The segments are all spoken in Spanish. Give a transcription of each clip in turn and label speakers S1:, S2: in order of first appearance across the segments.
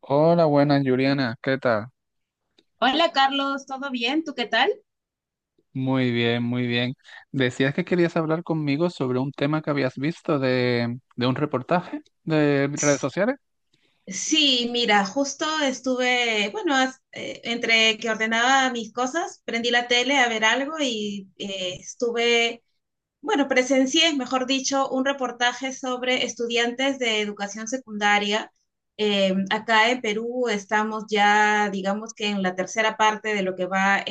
S1: Hola, buenas, Juliana. ¿Qué tal?
S2: Hola Carlos, ¿todo bien? ¿Tú qué tal?
S1: Muy bien, muy bien. Decías que querías hablar conmigo sobre un tema que habías visto de un reportaje de redes sociales.
S2: Sí, mira, justo estuve, bueno, entre que ordenaba mis cosas, prendí la tele a ver algo y estuve, bueno, presencié, mejor dicho, un reportaje sobre estudiantes de educación secundaria. Acá en Perú estamos ya, digamos que en la tercera parte de lo que va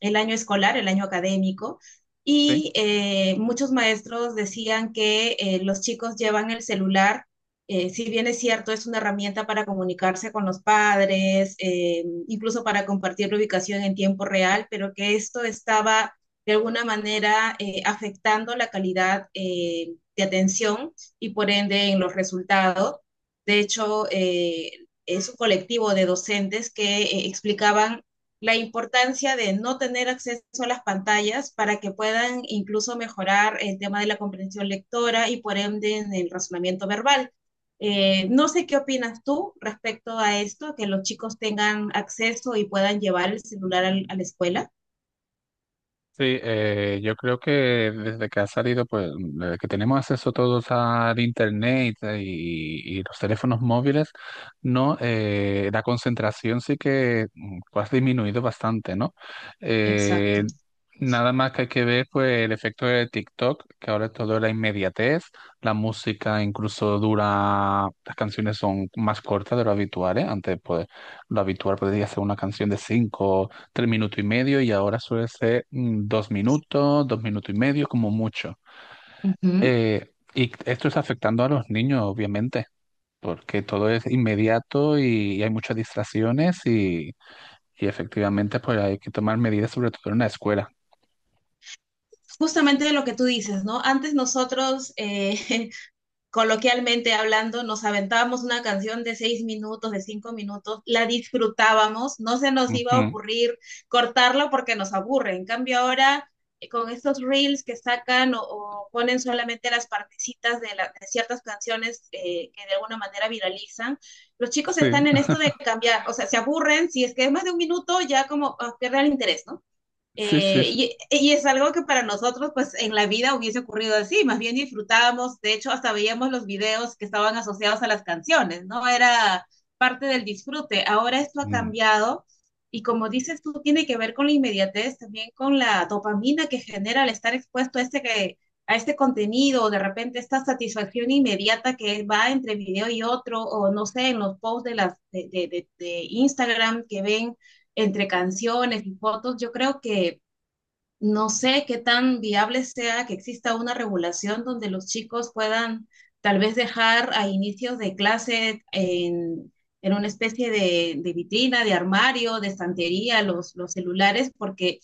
S2: el año escolar, el año académico,
S1: Sí.
S2: y muchos maestros decían que los chicos llevan el celular. Si bien es cierto, es una herramienta para comunicarse con los padres, incluso para compartir la ubicación en tiempo real, pero que esto estaba de alguna manera afectando la calidad de atención y por ende en los resultados. De hecho, es un colectivo de docentes que explicaban la importancia de no tener acceso a las pantallas para que puedan incluso mejorar el tema de la comprensión lectora y por ende en el razonamiento verbal. No sé qué opinas tú respecto a esto, que los chicos tengan acceso y puedan llevar el celular a la escuela.
S1: Sí, yo creo que desde que ha salido, pues, desde que tenemos acceso todos al internet y los teléfonos móviles, no, la concentración sí que pues, ha disminuido bastante, ¿no? Eh,
S2: Exacto.
S1: nada más que hay que ver, pues, el efecto de TikTok, que ahora todo es la inmediatez, la música incluso dura, las canciones son más cortas de lo habitual, ¿eh? Antes, pues, lo habitual podría ser una canción de cinco 3 minutos y medio, y ahora suele ser 2 minutos, 2 minutos y medio como mucho.
S2: Uh -huh.
S1: Y esto está afectando a los niños, obviamente, porque todo es inmediato y hay muchas distracciones y efectivamente pues hay que tomar medidas sobre todo en la escuela.
S2: Justamente lo que tú dices, ¿no? Antes nosotros coloquialmente hablando, nos aventábamos una canción de 6 minutos, de 5 minutos, la disfrutábamos. No se nos iba a
S1: Ujú.
S2: ocurrir cortarlo porque nos aburre. En cambio ahora, con estos reels que sacan o ponen solamente las partecitas de ciertas canciones que de alguna manera viralizan, los chicos
S1: Sí,
S2: están en esto de cambiar, o sea, se aburren, si es que es más de un minuto, ya como ah, pierde el interés, ¿no?
S1: sí, sí, sí.
S2: Y es algo que para nosotros, pues en la vida hubiese ocurrido así, más bien disfrutábamos, de hecho, hasta veíamos los videos que estaban asociados a las canciones, ¿no? Era parte del disfrute. Ahora esto ha
S1: Mm.
S2: cambiado y como dices tú, tiene que ver con la inmediatez, también con la dopamina que genera al estar expuesto a a este contenido, o de repente esta satisfacción inmediata que va entre video y otro, o no sé, en los posts de, las, de Instagram que ven entre canciones y fotos. Yo creo que no sé qué tan viable sea que exista una regulación donde los chicos puedan tal vez dejar a inicios de clase en una especie de vitrina, de armario, de estantería, los celulares, porque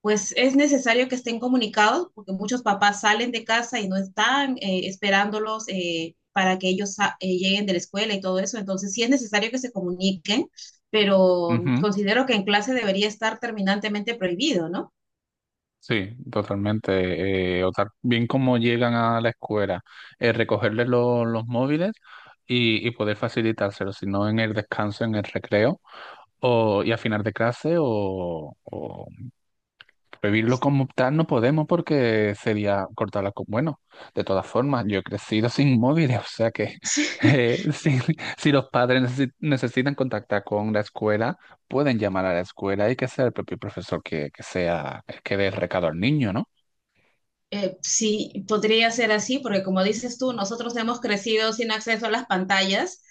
S2: pues es necesario que estén comunicados, porque muchos papás salen de casa y no están esperándolos para que ellos lleguen de la escuela y todo eso. Entonces sí es necesario que se comuniquen, pero
S1: Ujú.
S2: considero que en clase debería estar terminantemente prohibido, ¿no?
S1: Sí, totalmente. Bien como llegan a la escuela, recogerles los móviles y poder facilitárselos si no en el descanso, en el recreo. O, y afinar de clase, o prohibirlo como tal no podemos porque sería cortarla con... Bueno, de todas formas, yo he crecido sin móviles, o sea que si, si los padres necesitan contactar con la escuela, pueden llamar a la escuela y que sea el propio profesor que sea el que dé el recado al niño, ¿no?
S2: Sí, podría ser así, porque como dices tú, nosotros hemos crecido sin acceso a las pantallas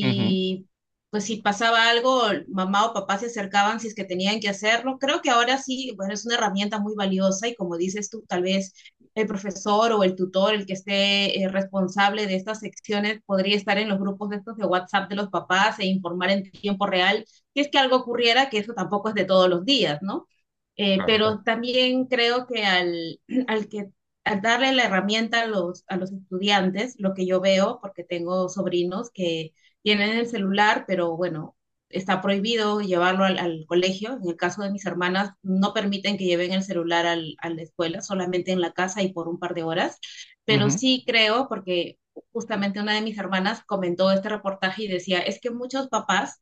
S1: Ujú,
S2: pues si pasaba algo, mamá o papá se acercaban si es que tenían que hacerlo. Creo que ahora sí, bueno, es una herramienta muy valiosa y como dices tú, tal vez el profesor o el tutor, el que esté responsable de estas secciones, podría estar en los grupos de estos de WhatsApp de los papás e informar en tiempo real si es que algo ocurriera, que eso tampoco es de todos los días, ¿no? Pero
S1: claro.
S2: también creo que al que al darle la herramienta a a los estudiantes, lo que yo veo, porque tengo sobrinos que tienen el celular, pero bueno, está prohibido llevarlo al colegio. En el caso de mis hermanas, no permiten que lleven el celular a la escuela, solamente en la casa y por un par de horas. Pero
S1: Ujú.
S2: sí creo, porque justamente una de mis hermanas comentó este reportaje y decía, es que muchos papás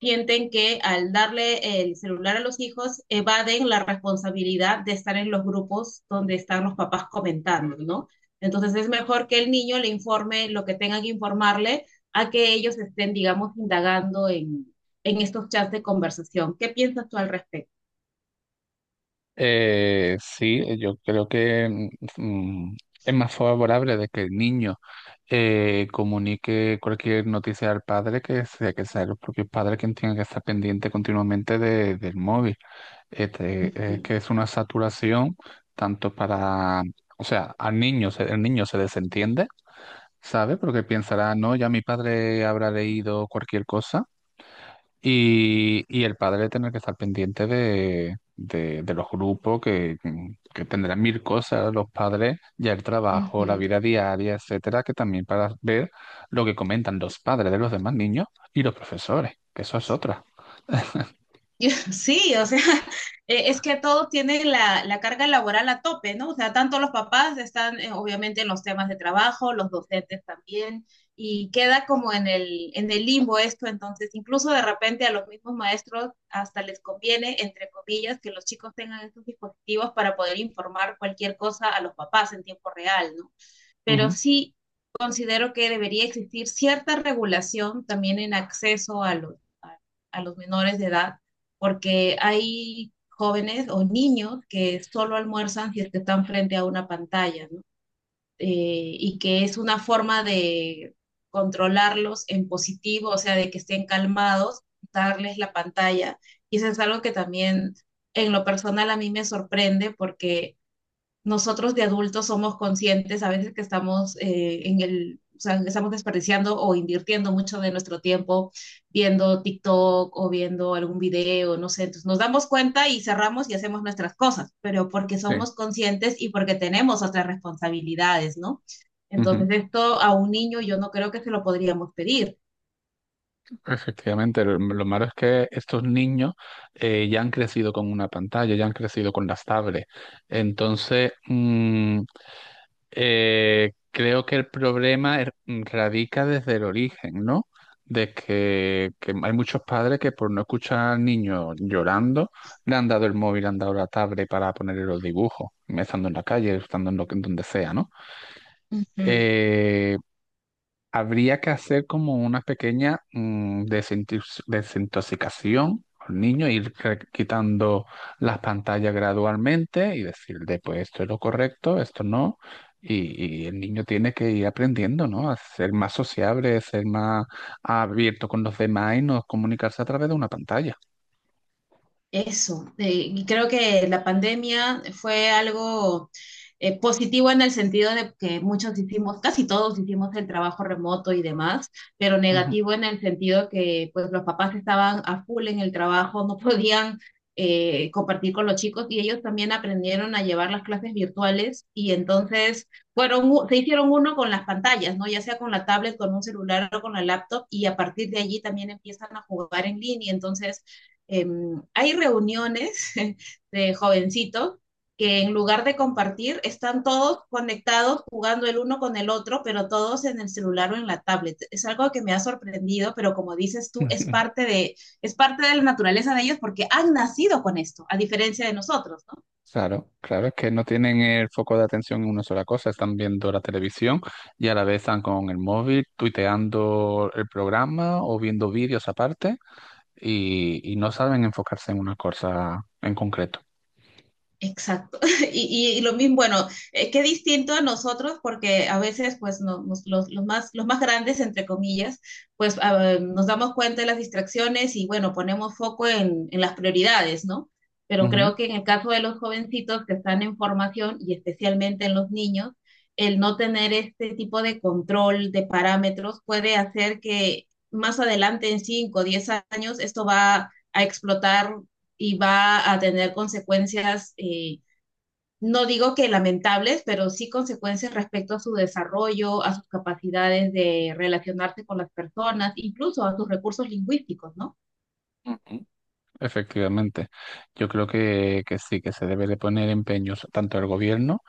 S2: sienten que al darle el celular a los hijos evaden la responsabilidad de estar en los grupos donde están los papás comentando, ¿no? Entonces es mejor que el niño le informe lo que tengan que informarle a que ellos estén, digamos, indagando en estos chats de conversación. ¿Qué piensas tú al respecto?
S1: Sí, yo creo que mm, mm, es más favorable de que el niño comunique cualquier noticia al padre, que sea, que sea el propio padre quien tenga que estar pendiente continuamente del móvil. Este,
S2: Ujú,
S1: que es una saturación tanto para, o sea, al niño, el niño se desentiende, ¿sabe? Porque pensará, no, ya mi padre habrá leído cualquier cosa, y el padre tener que estar pendiente de los grupos que tendrán mil cosas los padres, ya el trabajo, la
S2: ujú.
S1: vida diaria, etcétera, que también para ver lo que comentan los padres de los demás niños y los profesores, que eso es otra.
S2: Yo- Sí, o sea, es que todos tienen la carga laboral a tope, ¿no? O sea, tanto los papás están obviamente en los temas de trabajo, los docentes también, y queda como en en el limbo esto, entonces incluso de repente a los mismos maestros hasta les conviene, entre comillas, que los chicos tengan estos dispositivos para poder informar cualquier cosa a los papás en tiempo real, ¿no? Pero
S1: Ujú.
S2: sí considero que debería existir cierta regulación también en acceso a a, a los menores de edad, porque hay jóvenes o niños que solo almuerzan si es que están frente a una pantalla, ¿no? Y que es una forma de controlarlos en positivo, o sea, de que estén calmados, darles la pantalla. Y eso es algo que también en lo personal a mí me sorprende porque nosotros de adultos somos conscientes a veces que estamos o sea, estamos desperdiciando o invirtiendo mucho de nuestro tiempo viendo TikTok o viendo algún video, no sé, entonces nos damos cuenta y cerramos y hacemos nuestras cosas, pero porque
S1: Sí,
S2: somos conscientes y porque tenemos otras responsabilidades, ¿no?
S1: ujú.
S2: Entonces esto a un niño yo no creo que se lo podríamos pedir.
S1: Efectivamente, lo malo es que estos niños ya han crecido con una pantalla, ya han crecido con las tablets. Entonces, creo que el problema radica desde el origen, ¿no? De que hay muchos padres que por no escuchar al niño llorando, le han dado el móvil, le han dado la tablet para ponerle los dibujos, estando en la calle, estando en en donde sea, ¿no? Eh, habría que hacer como una pequeña desintoxicación al niño, quitando las pantallas gradualmente y decirle, pues esto es lo correcto, esto no. Y el niño tiene que ir aprendiendo, ¿no? A ser más sociable, ser más abierto con los demás y no comunicarse a través de una pantalla.
S2: Eso, y creo que la pandemia fue algo positivo en el sentido de que muchos hicimos, casi todos hicimos el trabajo remoto y demás, pero
S1: Ujú.
S2: negativo en el sentido que pues los papás estaban a full en el trabajo, no podían compartir con los chicos y ellos también aprendieron a llevar las clases virtuales y entonces se hicieron uno con las pantallas, ¿no? Ya sea con la tablet, con un celular o con la laptop y a partir de allí también empiezan a jugar en línea. Entonces eh, hay reuniones de jovencitos que en lugar de compartir están todos conectados jugando el uno con el otro, pero todos en el celular o en la tablet. Es algo que me ha sorprendido, pero como dices tú, es parte de la naturaleza de ellos porque han nacido con esto, a diferencia de nosotros, ¿no?
S1: Claro, claro, es que no tienen el foco de atención en una sola cosa, están viendo la televisión y a la vez están con el móvil, tuiteando el programa o viendo vídeos aparte, y no saben enfocarse en una cosa en concreto.
S2: Exacto. Y lo mismo, bueno, qué distinto a nosotros, porque a veces, pues, los más grandes, entre comillas, pues ah, nos damos cuenta de las distracciones y, bueno, ponemos foco en las prioridades, ¿no? Pero
S1: Ujú,
S2: creo que en el caso de los jovencitos que están en formación y especialmente en los niños, el no tener este tipo de control de parámetros puede hacer que más adelante, en 5 o 10 años, esto va a explotar y va a tener consecuencias, no digo que lamentables, pero sí consecuencias respecto a su desarrollo, a sus capacidades de relacionarse con las personas, incluso a sus recursos lingüísticos, ¿no?
S1: ujú. Efectivamente, yo creo que sí, que se debe de poner empeños tanto el gobierno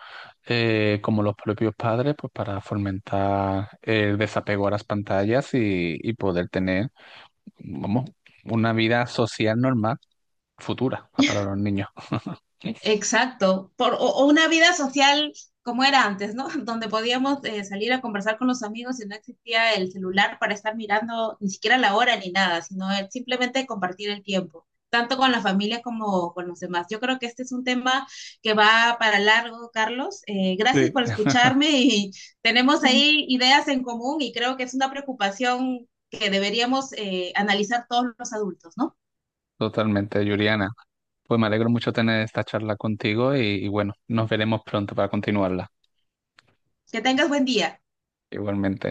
S1: como los propios padres, pues para fomentar el desapego a las pantallas y poder tener, vamos, una vida social normal futura, para los niños.
S2: Exacto, o una vida social como era antes, ¿no? Donde podíamos salir a conversar con los amigos y no existía el celular para estar mirando ni siquiera la hora ni nada, sino simplemente compartir el tiempo, tanto con la familia como con los demás. Yo creo que este es un tema que va para largo, Carlos. Gracias
S1: Sí,
S2: por escucharme y tenemos ahí ideas en común y creo que es una preocupación que deberíamos analizar todos los adultos, ¿no?
S1: totalmente, Yuriana. Pues me alegro mucho tener esta charla contigo y bueno, nos veremos pronto para continuarla.
S2: Que tengas buen día.
S1: Igualmente.